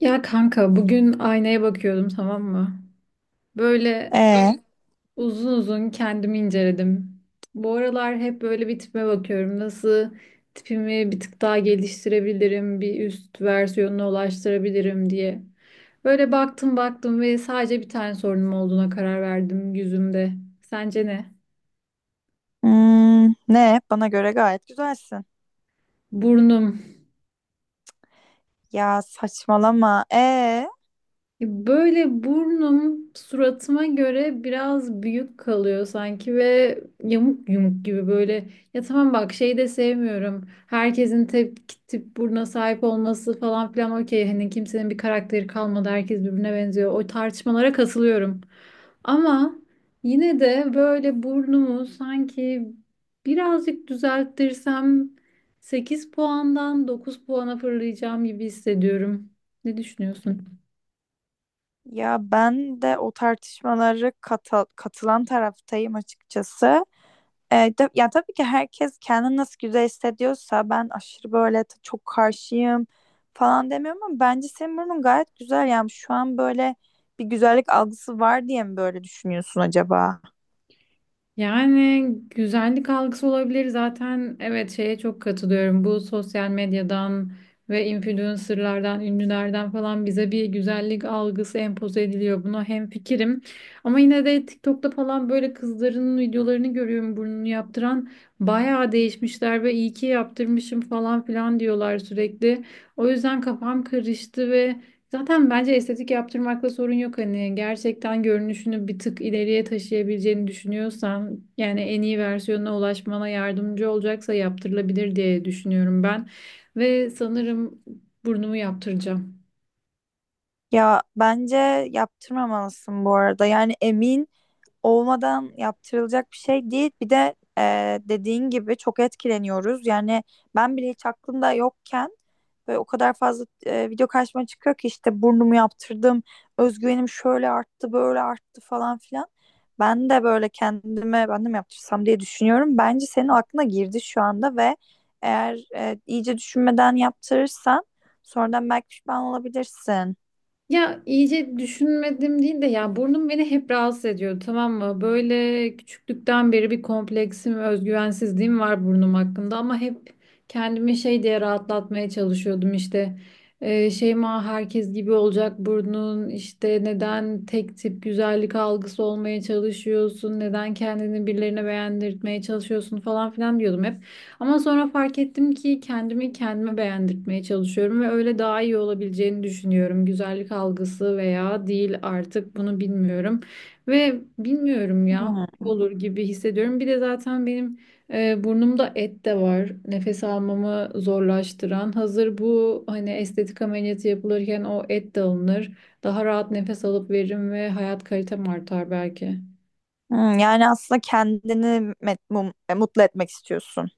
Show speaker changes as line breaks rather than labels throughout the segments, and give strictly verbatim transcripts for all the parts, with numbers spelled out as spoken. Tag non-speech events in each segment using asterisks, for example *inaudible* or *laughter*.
Ya kanka bugün aynaya bakıyordum, tamam mı? Böyle
Ee,
uzun uzun kendimi inceledim. Bu aralar hep böyle bir tipime bakıyorum. Nasıl tipimi bir tık daha geliştirebilirim, bir üst versiyonuna ulaştırabilirim diye. Böyle baktım baktım ve sadece bir tane sorunum olduğuna karar verdim yüzümde. Sence ne?
hmm, ne? Bana göre gayet güzelsin.
Burnum.
Ya saçmalama. Ee,
Ya böyle burnum suratıma göre biraz büyük kalıyor sanki ve yamuk yumuk gibi böyle. Ya tamam bak, şeyi de sevmiyorum. Herkesin tip, tip buruna sahip olması falan filan okey. Hani kimsenin bir karakteri kalmadı. Herkes birbirine benziyor. O tartışmalara katılıyorum. Ama yine de böyle burnumu sanki birazcık düzelttirsem sekiz puandan dokuz puana fırlayacağım gibi hissediyorum. Ne düşünüyorsun?
ya ben de o tartışmaları kata- katılan taraftayım açıkçası. Ee, de- ya tabii ki herkes kendini nasıl güzel hissediyorsa ben aşırı böyle t- çok karşıyım falan demiyorum ama bence senin burnun gayet güzel. Yani şu an böyle bir güzellik algısı var diye mi böyle düşünüyorsun acaba?
Yani güzellik algısı olabilir zaten. Evet, şeye çok katılıyorum. Bu sosyal medyadan ve influencerlardan, ünlülerden falan bize bir güzellik algısı empoze ediliyor. Buna hemfikirim. Ama yine de TikTok'ta falan böyle kızların videolarını görüyorum burnunu yaptıran. Bayağı değişmişler ve iyi ki yaptırmışım falan filan diyorlar sürekli. O yüzden kafam karıştı ve zaten bence estetik yaptırmakla sorun yok, hani gerçekten görünüşünü bir tık ileriye taşıyabileceğini düşünüyorsan, yani en iyi versiyonuna ulaşmana yardımcı olacaksa yaptırılabilir diye düşünüyorum ben ve sanırım burnumu yaptıracağım.
Ya bence yaptırmamalısın bu arada. Yani emin olmadan yaptırılacak bir şey değil. Bir de e, dediğin gibi çok etkileniyoruz. Yani ben bile hiç aklımda yokken ve o kadar fazla e, video karşıma çıkıyor ki işte burnumu yaptırdım, özgüvenim şöyle arttı, böyle arttı falan filan. Ben de böyle kendime ben de mi yaptırsam diye düşünüyorum. Bence senin aklına girdi şu anda ve eğer e, iyice düşünmeden yaptırırsan sonradan belki pişman olabilirsin.
Ya iyice düşünmedim değil de, ya burnum beni hep rahatsız ediyor, tamam mı? Böyle küçüklükten beri bir kompleksim, özgüvensizliğim var burnum hakkında ama hep kendimi şey diye rahatlatmaya çalışıyordum işte. Ee, Şeyma herkes gibi olacak burnun işte, neden tek tip güzellik algısı olmaya çalışıyorsun? Neden kendini birilerine beğendirtmeye çalışıyorsun falan filan diyordum hep. Ama sonra fark ettim ki kendimi kendime beğendirtmeye çalışıyorum ve öyle daha iyi olabileceğini düşünüyorum. Güzellik algısı veya değil, artık bunu bilmiyorum. Ve bilmiyorum ya,
Hmm.
olur gibi hissediyorum. Bir de zaten benim e, burnumda et de var. Nefes almamı zorlaştıran. Hazır bu hani estetik ameliyatı yapılırken o et de alınır. Daha rahat nefes alıp veririm ve hayat kalitem artar belki.
Hmm, yani aslında kendini met- mum- e, mutlu etmek istiyorsun.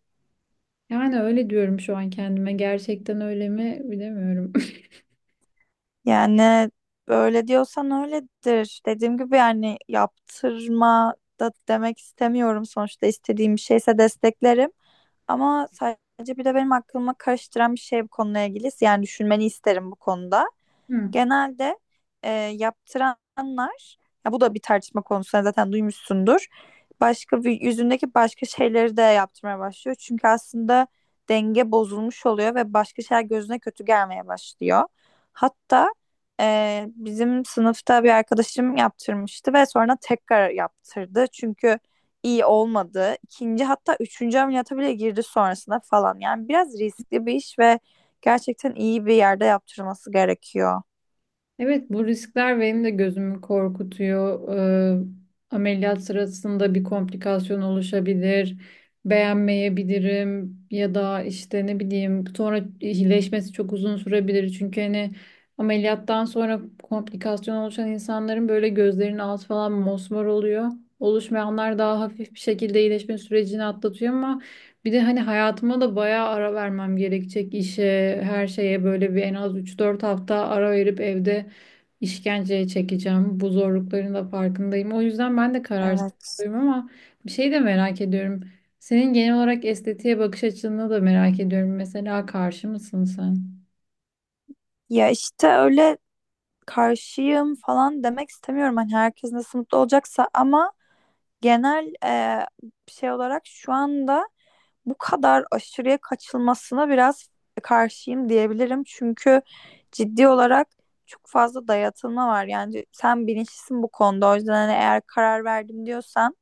Yani öyle diyorum şu an kendime. Gerçekten öyle mi bilemiyorum. *laughs*
Yani böyle diyorsan öyledir. Dediğim gibi yani yaptırma da demek istemiyorum. Sonuçta istediğim bir şeyse desteklerim. Ama sadece bir de benim aklıma karıştıran bir şey bu konuyla ilgili. Yani düşünmeni isterim bu konuda.
Hı.
Genelde e, yaptıranlar ya bu da bir tartışma konusu, sen zaten duymuşsundur. Başka bir- yüzündeki başka şeyleri de yaptırmaya başlıyor. Çünkü aslında denge bozulmuş oluyor ve başka şeyler gözüne kötü gelmeye başlıyor. Hatta e, bizim sınıfta bir arkadaşım yaptırmıştı ve sonra tekrar yaptırdı. Çünkü iyi olmadı. İkinci hatta üçüncü ameliyata bile girdi sonrasında falan. Yani biraz riskli bir iş ve gerçekten iyi bir yerde yaptırılması gerekiyor.
Evet, bu riskler benim de gözümü korkutuyor. Ee, ameliyat sırasında bir komplikasyon oluşabilir, beğenmeyebilirim ya da işte ne bileyim sonra iyileşmesi çok uzun sürebilir. Çünkü hani ameliyattan sonra komplikasyon oluşan insanların böyle gözlerinin altı falan mosmor oluyor. Oluşmayanlar daha hafif bir şekilde iyileşme sürecini atlatıyor ama bir de hani hayatıma da bayağı ara vermem gerekecek işe, her şeye böyle bir en az üç dört hafta ara verip evde işkenceye çekeceğim. Bu zorlukların da farkındayım. O yüzden ben de
Evet.
kararsızım ama bir şey de merak ediyorum. Senin genel olarak estetiğe bakış açını da merak ediyorum. Mesela karşı mısın sen?
Ya işte öyle karşıyım falan demek istemiyorum. Hani herkes nasıl mutlu olacaksa ama genel e, şey olarak şu anda bu kadar aşırıya kaçılmasına biraz karşıyım diyebilirim. Çünkü ciddi olarak çok fazla dayatılma var. Yani sen bilinçlisin bu konuda. O yüzden hani eğer karar verdim diyorsan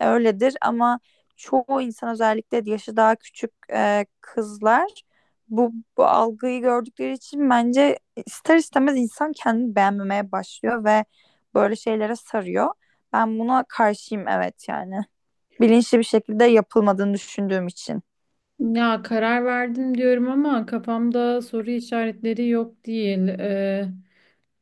öyledir ama çoğu insan, özellikle yaşı daha küçük e, kızlar, bu, bu algıyı gördükleri için bence ister istemez insan kendini beğenmemeye başlıyor ve böyle şeylere sarıyor. Ben buna karşıyım, evet yani. Bilinçli bir şekilde yapılmadığını düşündüğüm için.
Ya karar verdim diyorum ama kafamda soru işaretleri yok değil.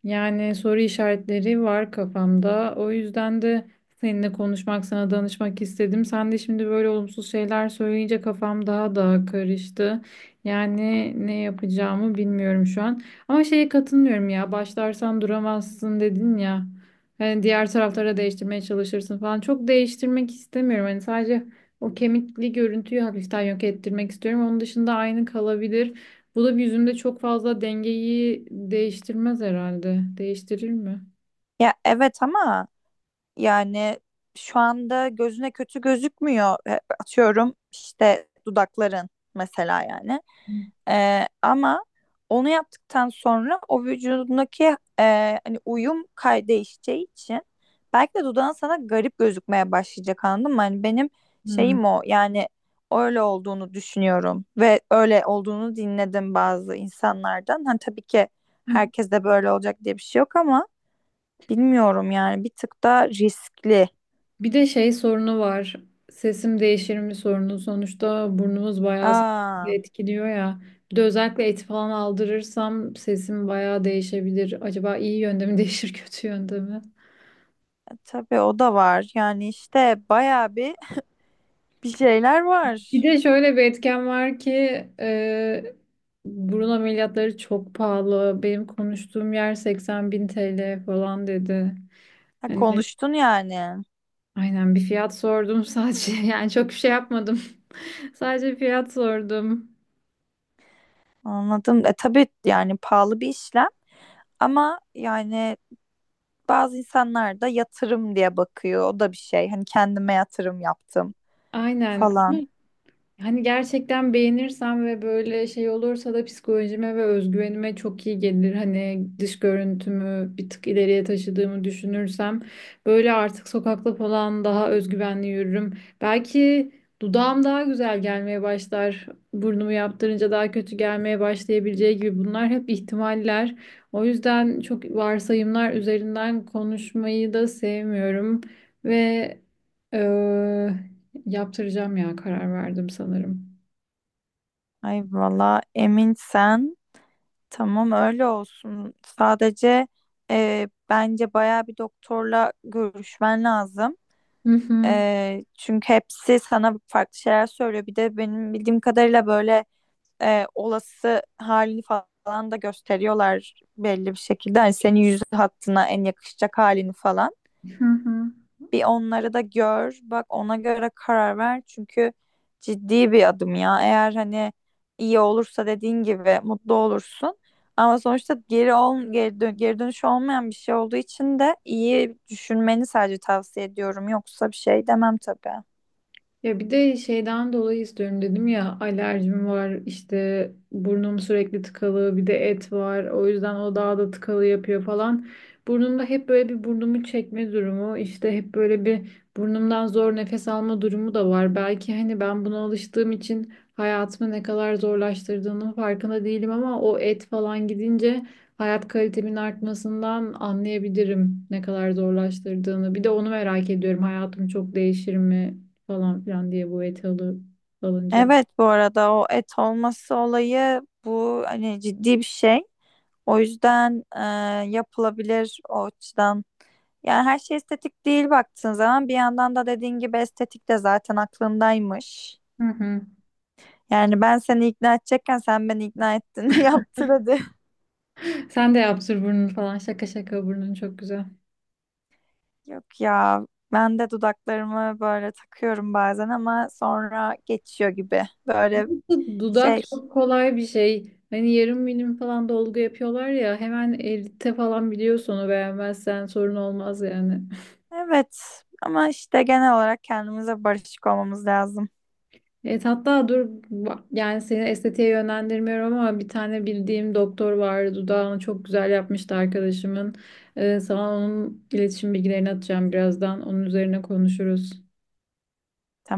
Yani soru işaretleri var kafamda. O yüzden de seninle konuşmak, sana danışmak istedim. Sen de şimdi böyle olumsuz şeyler söyleyince kafam daha da karıştı. Yani ne yapacağımı bilmiyorum şu an. Ama şeye katılmıyorum ya. Başlarsan duramazsın dedin ya. Hani diğer taraflara değiştirmeye çalışırsın falan. Çok değiştirmek istemiyorum. Hani sadece o kemikli görüntüyü hafiften yok ettirmek istiyorum. Onun dışında aynı kalabilir. Bu da bir yüzümde çok fazla dengeyi değiştirmez herhalde. Değiştirir mi?
Ya evet ama yani şu anda gözüne kötü gözükmüyor. E, Atıyorum işte dudakların mesela yani. E, ama onu yaptıktan sonra o vücudundaki e, hani uyum kay değişeceği için belki de dudağın sana garip gözükmeye başlayacak, anladın mı? Hani benim
Hmm.
şeyim o yani öyle olduğunu düşünüyorum ve öyle olduğunu dinledim bazı insanlardan. Hani tabii ki
Hı.
herkes de böyle olacak diye bir şey yok ama bilmiyorum yani bir tık da riskli.
Bir de şey sorunu var. Sesim değişir mi sorunu. Sonuçta burnumuz bayağı sesimizi
Aa,
etkiliyor ya. Bir de özellikle eti falan aldırırsam sesim bayağı değişebilir. Acaba iyi yönde mi değişir, *laughs* kötü yönde mi?
tabii o da var. Yani işte bayağı bir bir şeyler
Bir
var.
de şöyle bir etken var ki e, burun ameliyatları çok pahalı. Benim konuştuğum yer seksen bin T L falan dedi.
Ha,
Hani.
konuştun yani.
Aynen, bir fiyat sordum sadece. *laughs* Yani çok bir şey yapmadım. *laughs* Sadece fiyat sordum.
Anladım. E tabii yani pahalı bir işlem ama yani bazı insanlar da yatırım diye bakıyor. O da bir şey. Hani kendime yatırım yaptım
Aynen.
falan.
Hani gerçekten beğenirsem ve böyle şey olursa da psikolojime ve özgüvenime çok iyi gelir. Hani dış görüntümü bir tık ileriye taşıdığımı düşünürsem böyle artık sokakta falan daha özgüvenli yürürüm. Belki dudağım daha güzel gelmeye başlar. Burnumu yaptırınca daha kötü gelmeye başlayabileceği gibi, bunlar hep ihtimaller. O yüzden çok varsayımlar üzerinden konuşmayı da sevmiyorum ve eee, yaptıracağım ya, karar verdim sanırım.
Ay valla emin sen. Tamam öyle olsun. Sadece e, bence bayağı bir doktorla görüşmen lazım.
Hı hı,
Eee, çünkü hepsi sana farklı şeyler söylüyor. Bir de benim bildiğim kadarıyla böyle eee, olası halini falan da gösteriyorlar belli bir şekilde. Hani senin yüz hattına en yakışacak halini falan.
hı hı.
Bir onları da gör, bak ona göre karar ver. Çünkü ciddi bir adım ya. Eğer hani iyi olursa dediğin gibi mutlu olursun. Ama sonuçta geri ol, geri, dön geri dönüşü olmayan bir şey olduğu için de iyi düşünmeni sadece tavsiye ediyorum. Yoksa bir şey demem tabii.
Ya bir de şeyden dolayı istiyorum dedim ya, alerjim var işte, burnum sürekli tıkalı, bir de et var o yüzden o daha da tıkalı yapıyor falan. Burnumda hep böyle bir burnumu çekme durumu, işte hep böyle bir burnumdan zor nefes alma durumu da var. Belki hani ben buna alıştığım için hayatımı ne kadar zorlaştırdığının farkında değilim ama o et falan gidince hayat kalitemin artmasından anlayabilirim ne kadar zorlaştırdığını. Bir de onu merak ediyorum, hayatım çok değişir mi falan filan diye, bu eti alı, alınca.
Evet, bu arada o et olması olayı bu hani ciddi bir şey. O yüzden e, yapılabilir o açıdan. Yani her şey estetik değil baktığın zaman bir yandan da dediğin gibi estetik de zaten aklındaymış.
Hı hı.
Yani ben seni ikna edecekken sen beni ikna ettin. *laughs* Yaptır hadi.
Sen de yaptır burnunu falan. Şaka şaka, burnun çok güzel.
Yok ya ben de dudaklarımı böyle takıyorum bazen ama sonra geçiyor gibi. Böyle
Bu dudak
şey.
çok kolay bir şey. Hani yarım milim falan dolgu yapıyorlar ya, hemen elde falan biliyorsun, onu beğenmezsen sorun olmaz yani.
Evet ama işte genel olarak kendimize barışık olmamız lazım.
Evet, hatta dur bak, yani seni estetiğe yönlendirmiyorum ama bir tane bildiğim doktor vardı, dudağını çok güzel yapmıştı arkadaşımın. Ee, sana onun iletişim bilgilerini atacağım birazdan, onun üzerine konuşuruz.